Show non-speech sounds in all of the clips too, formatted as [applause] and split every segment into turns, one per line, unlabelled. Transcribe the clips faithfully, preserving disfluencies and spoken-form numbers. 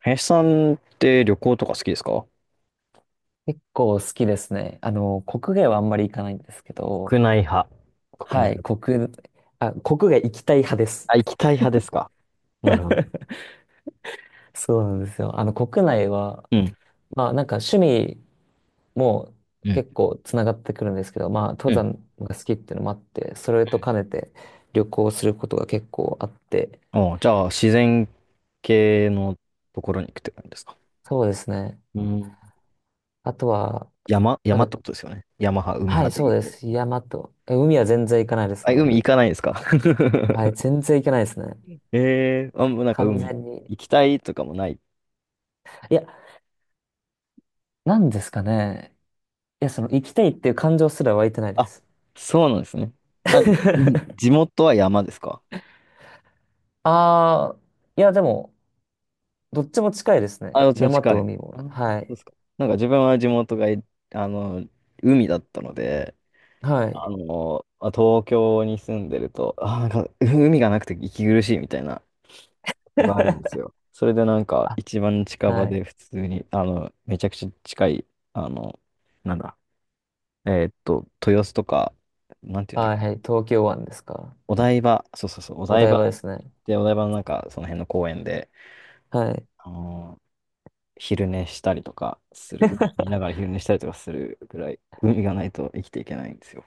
林さんって旅行とか好きですか？
結構好きですね。あの、国外はあんまり行かないんですけ
国
ど、
内派。国内
は
派
い、
ですね。
国、あ、国外行きたい派です。
あ、行きたい派ですか？なるほど。
[laughs] そうなんですよ。あの、国内は、
うん、
まあなんか趣味も
うん、
結構つながってくるんですけど、まあ登
うん。
山が好きっていうのもあって、それと兼ねて旅行することが結構あって、
おじゃあ、自然系のところに行くって感じですか？
そうですね。
うん。
あとは、
山、
な
山っ
ん
て
か、
ことですよね。山派、海
は
派
い、
で
そ
言う
うで
と。
す。山と、え、海は全然行かないです
あ、
ね、
海行
僕。
かないですか？
はい、全然行けないですね。
え。 [laughs] えー。[laughs] あ、もうなんか
完
海
全に。
行きたいとかもない？
いや、なんですかね。いや、その、行きたいっていう感情すら湧いてないで
あ、
す。
そうなんですね。あ、うん、地
[laughs]
元は山ですか？
ああ、いや、でも、どっちも近いです
あ、ど
ね。
っちも
山
近
と
い。
海も。
あー、そう
は
で
い。
すか。なんか自分は地元がい、あの、海だったので、
は
あ
い。
の、まあ東京に住んでると、あー、なんか海がなくて息苦しいみたいなことがあるんです
[laughs]
よ。それでなんか
あ、
一番近場
は
で
い。
普通に、あの、めちゃくちゃ近い、あの、なんだ、えーっと、豊洲とか、なんていうんだっ
は
け、
い、はい。東京湾ですか？
お台場、そうそうそう、お
お
台
台
場
場ですね。
で、お台場のなんかその辺の公園で、
はい。
あの昼寝したりとかする、海見ながら
[laughs]
昼寝したりとかするぐらい、海がないと生きていけないんですよ。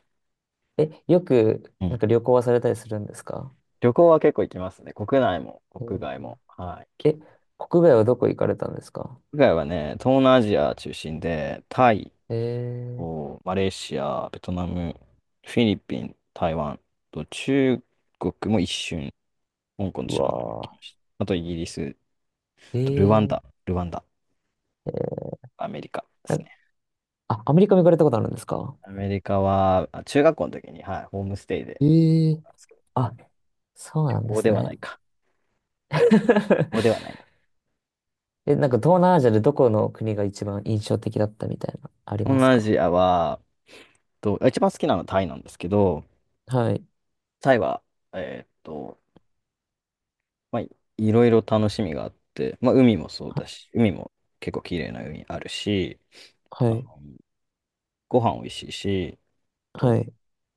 え、よく、
う
なん
ん。
か旅行はされたりするんですか？
旅行は結構行きますね。国内も国外も。
え
はい、行きま
え、
す。
国外はどこ行かれたんですか？
国外はね、東南アジア中心で、タイ、
えー、
おマレーシア、ベトナム、フィリピン、台湾と中国も一瞬、香港と
う
上海に行き
わ
ました。あとイギリス、
ー。
とルワン
え
ダ、
ー、
ルワンダ、
えー、
アメリカです
な、
ね。
あ、アメリカも行かれたことあるんですか？
アメリカは、あ、中学校の時に、はい、ホームステイで、
えー、
はい、
あ、そう
旅
なんで
行
す
ではな
ね。
いか。ここではな
[laughs]
いな。
え、なんか東南アジアでどこの国が一番印象的だったみたいな、あり
東
ます
南ア
か？
ジアは、と、一番好きなのはタイなんですけど、
はい。
タイは、えーっと、まあ、いいろいろ楽しみがあって、まあ、海もそう
は、
だし、海も結構綺麗な海あるし、
は
あ
い。
の、ご飯美味しいし、
は
と、
い。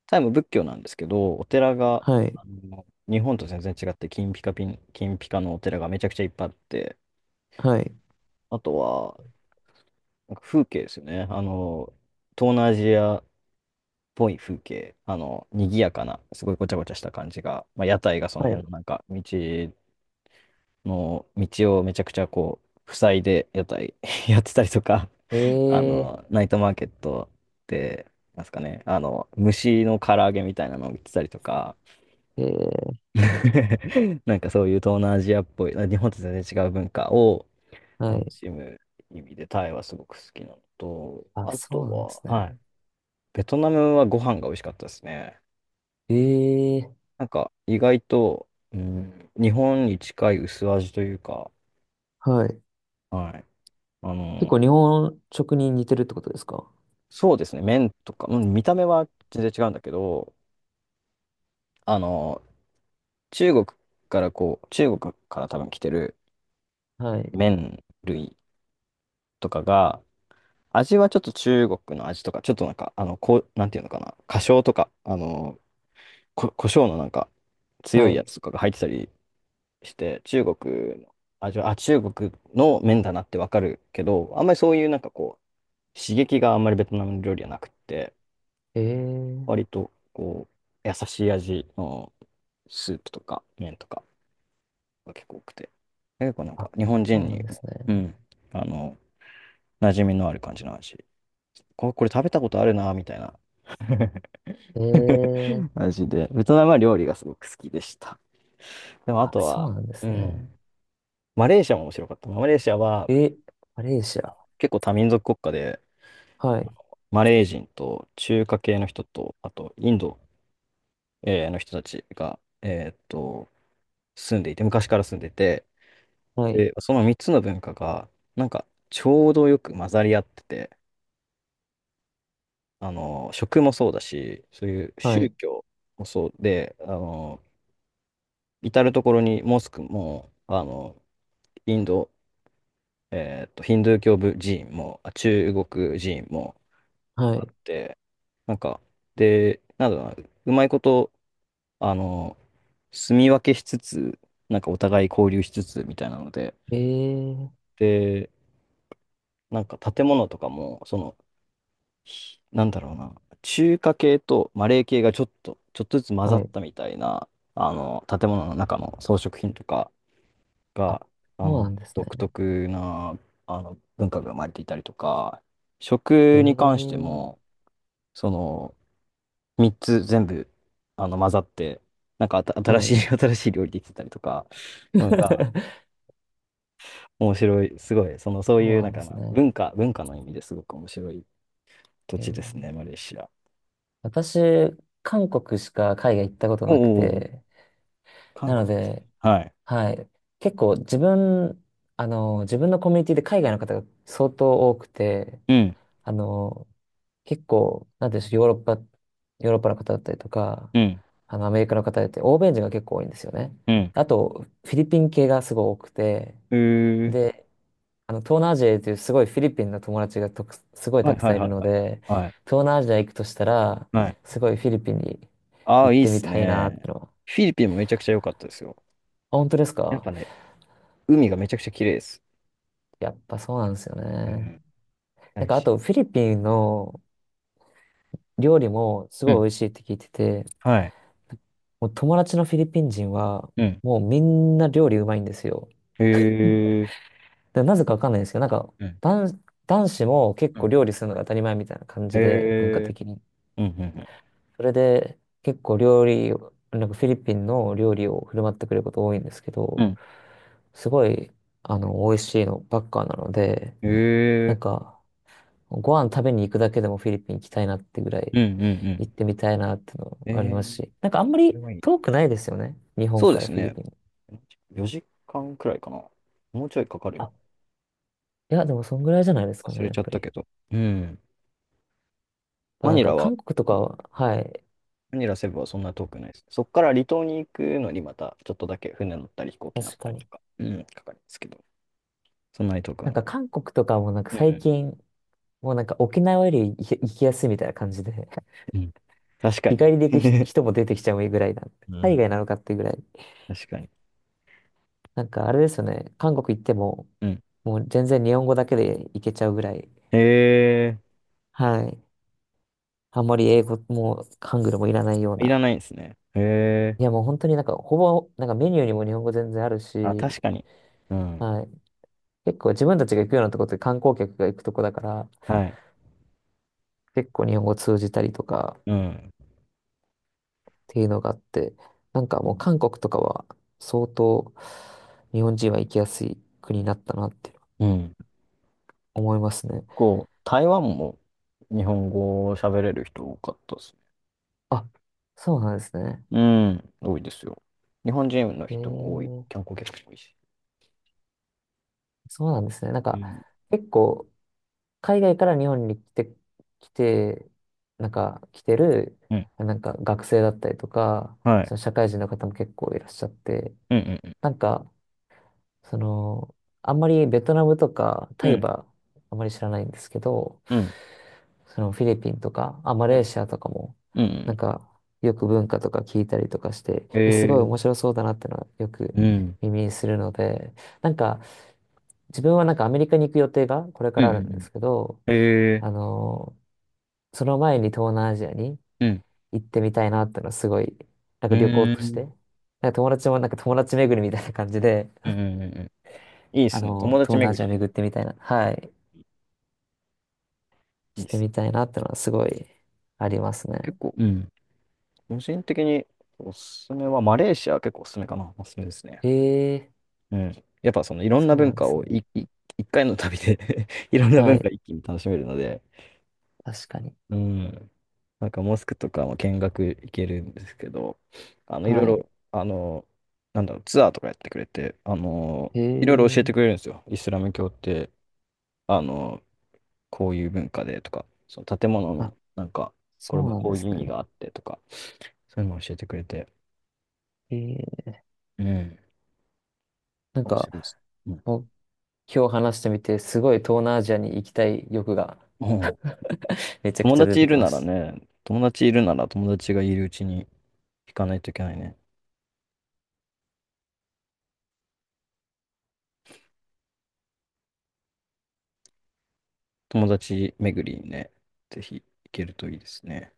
タイも仏教なんですけど、お寺が、
はい。
あの、日本と全然違って、金ピカピン、金ピカのお寺がめちゃくちゃいっぱいあって、
はい。
あとは、なんか風景ですよね。あの、東南アジアぽい風景、あの、賑やかな、すごいごちゃごちゃした感じが、まあ、屋台がその
は
辺
い。
のなんか、道の、道をめちゃくちゃこう、塞いで屋台 [laughs] やってたりとか、あ
え
の、ナイトマーケットで、なんですかね、あの、虫の唐揚げみたいなのを売ってたりとか、
ー、えー、
[laughs] なんかそういう東南アジアっぽい、日本と全然違う文化を
は
楽
い。
しむ意味で、タイはすごく好きなのと、
あ、
あ
そ
と
うなんです
は、はい、
ね。
ベトナムはご飯が美味しかったですね。
ええ、
なんか、意外と、うん、日本に近い薄味というか、
はい。
はい。あ
結
の、
構日本食に似てるってことですか？
そうですね、麺とか、うん、見た目は全然違うんだけど、あの、中国からこう、中国から多分来てる
はい。
麺類とかが、味はちょっと中国の味とか、ちょっとなんか、あの、こう、なんていうのかな、花椒とか、あの、こ、胡椒のなんか、強
は
いや
い。
つとかが入ってたりして、中国の味は、あ、中国の麺だなってわかるけど、あんまりそういうなんかこう、刺激があんまりベトナム料理はなくって、
ええ、
割とこう、優しい味のスープとか麺とかが結構多くて、結構なんか
あ、
日本
そ
人
うなん
に、
です
う
ね。
ん、あの、馴染みのある感じの味。これ、これ食べたことあるな、みたいな
え
[laughs]
え、
味で、ベトナムは料理がすごく好きでした。でもあ
あ、
と
そ
は、
うなんで
う
す
ん、
ね。
マレーシアも面白かったな。マレーシアは
え、マレーシア。
結構多民族国家で、
はい。
マレー人と中華系の人と、あとインドえーの人たちが、えーっと、住んでいて、昔から住んでて、
はい。
で、そのみっつの文化が、なんか、ちょうどよく混ざり合ってて、あの、食もそうだし、そういう
は
宗
い。
教もそうで、あの、至る所にモスクも、あの、インド、えっと、ヒンドゥー教部寺院も、あ、中国寺院も、
はい。
で、なんか、で、なんだろうな、うまいこと、あの、住み分けしつつ、なんかお互い交流しつつみたいなので、
ええ、
で、なんか建物とかも、そのなんだろうな、中華系とマレー系がちょっと、ちょっとずつ混ざ
は
っ
い。
たみたいな、あの、建物の中の装飾品とか
あ、
が、あ
そうな
の、
んです
独
ね。
特な、あの、文化が生まれていたりとか、食に関して
え
も、
え、
その、みっつ全部、あの、混ざって、なんかあた新
は
し
い。
い、[laughs] 新しい料理できてたりとか、のが、
[laughs]
面白い、すごい、その、そう
そ
い
う
う、
な
なん
んで
か
す
な、
ね。
文化、文化の意味ですごく面白い土地ですね、
ええ、
マレーシア。
私、韓国しか海外行ったこと
お
なく
お、
て、
韓
なの
国ですね。
で、
はい。
はい。結構自分、あの、自分のコミュニティで海外の方が相当多くて、
うん、
あの、結構、なんていうんでしょう、ヨーロッパ、ヨーロッパの方だったりとか、
うん、
あの、アメリカの方だって、欧米人が結構多いんですよね。
うん。
あと、フィリピン系がすごい多くて、
へえ。
で、あの、東南アジアというすごいフィリピンの友達がとくすごい
は
た
い
く
は
さ
い
ん
は
いる
い
の
はい
で、
はい。はい。
東南アジア行くとしたら、
はい。
すごいフィリピンに
ああ、
行っ
いいっ
てみ
す
たいなっ
ね。
てのは。
フィリピンもめちゃくちゃ良かったですよ。
あ、本当です
やっ
か？
ぱね、海がめちゃくちゃ綺麗です。
やっぱそうなんですよ
う
ね。
ん。な
なん
んか
かあ
し
とフィリピンの料理もす
う
ごい
ん。
美味しいって聞いてて、
はい。
もう友達のフィリピン人は
うん。
もうみんな料理うまいんですよ。
へえ。
で、なぜかわかんないんですけど、なんか
うん。
男、男子も結
う
構
ん
料理するのが当たり前みたいな感
へ
じで、文化
え。
的に。
うんうん
それで結構料理を、なんかフィリピンの料理を振る舞ってくれること多いんですけ
うん。
ど、
うん。
すごい、あの、美味しいのばっかなので、
へ
なん
え。
か、ご飯食べに行くだけでもフィリピン行きたいなってぐらい
うんうんう
行
ん。
ってみたいなっての
え
あり
え。
ますし、なんかあんま
そ
り
れはいい。
遠くないですよね。日本
そうで
から
す
フィリ
ね。
ピン。
よじかんくらいかな。もうちょいかかる、
あ、いや、でもそんぐらいじゃないですか
忘
ね、
れ
やっ
ちゃっ
ぱ
た
り。
けど。うん。
ま
マ
あなん
ニ
か
ラは
韓国とかは、はい、
マニラセブはそんな遠くないです。そこから離島に行くのにまたちょっとだけ船乗ったり飛行機乗っ
確
た
か
りと
に。
か、うん、かかるんですけど、そんなに遠く
な
は
ん
ない
か
です。
韓国とかもなんか最近、もうなんか沖縄より行き行きやすいみたいな感じで。
うんうん。うん、確か
日
に。
帰りで行くひ
[laughs]
人も出てきちゃうぐらいなんで。
う
海
ん。
外なのかっていうぐらい。
確かに。
なんかあれですよね。韓国行っても、
うん。
もう全然日本語だけで行けちゃうぐらい。
へえ、
はい。あんまり英語もハングルもいらないよう
い
な。
らないんですね。へ
いや
え。
もう本当になんかほぼ、なんかメニューにも日本語全然あるし、
あ、確かに。うん。
はい。結構自分たちが行くようなとこって観光客が行くとこだから、
はい。
結構日本語通じたりとかっ
うん。
ていうのがあって、なんかもう韓国とかは相当日本人は行きやすい国になったなって
うん。
思いますね。
こう台湾も日本語を喋れる人多かったですね。
あ、そうなんですね。
うん。多いですよ。日本人の
ええ、
人も多い。観光客も多いし。
そうなんですね。なん
う
か、
ん。
結構、海外から日本に来て、来て、なんか、来てる、
うん。
なんか、学生だったりとか、
はい。
その社会人の方も結構いらっしゃって、
うんうん
なんか、その、あんまりベトナムとかタ
う
イ
ん、
はあんまり知らないんですけど、
うん、
そのフィリピンとか、あ、マ
う
レー
ん、
シアとかも、
う
なん
ん、
か、よく文化とか聞いたりとかして、
え
え、すごい
ー、
面白そうだなってのはよく
うん、
耳にするので、なんか、自分はなんかアメリカに行く予定がこれか
う
らあるんで
ん、
すけど、あの、その前に東南アジアに
うん、
行ってみたいなってのはすごい、なん
え
か旅行
ん、
と
う
して、
ん、
なんか友達もなんか友達巡りみたいな感じで、
うん、うんうんうん。いいっ
あ
すね。
の、
友達
東南ア
巡
ジア
り、
巡ってみたいな、はい、
いい
し
っ
て
すね。
みたいなってのはすごいありますね。
結構、うん。個人的におすすめは、マレーシア結構おすすめかな。おすすめですね。
ええ、
うん。やっぱそのいろんな
そうな
文
んで
化
す
を
ね。
いい一回の旅で [laughs] いろんな
は
文化
い。
一気に楽しめるので、
確かに。
うん。なんかモスクとかも見学行けるんですけど、あの、いろい
はい。
ろ、あの、なんだろう、ツアーとかやってくれて、あの、
へ
いろいろ教えて
え。
くれるんですよ。イスラム教って、あの、こういう文化でとか、その建物の、
あ、
なんか、これ
そう
は
なん
こ
で
うい
す
う意味
ね。
があってとか、そういうのを教えてくれて、
へえ。
うん、
なん
面
か、
白いです。うん。
僕今日話してみて、すごい東南アジアに行きたい欲が [laughs]
もう
めちゃく
友
ちゃ出
達
て
い
き
る
ま
なら
した。
ね、友達いるなら友達がいるうちに行かないといけないね。友達巡りにね、ぜひ行けるといいですね。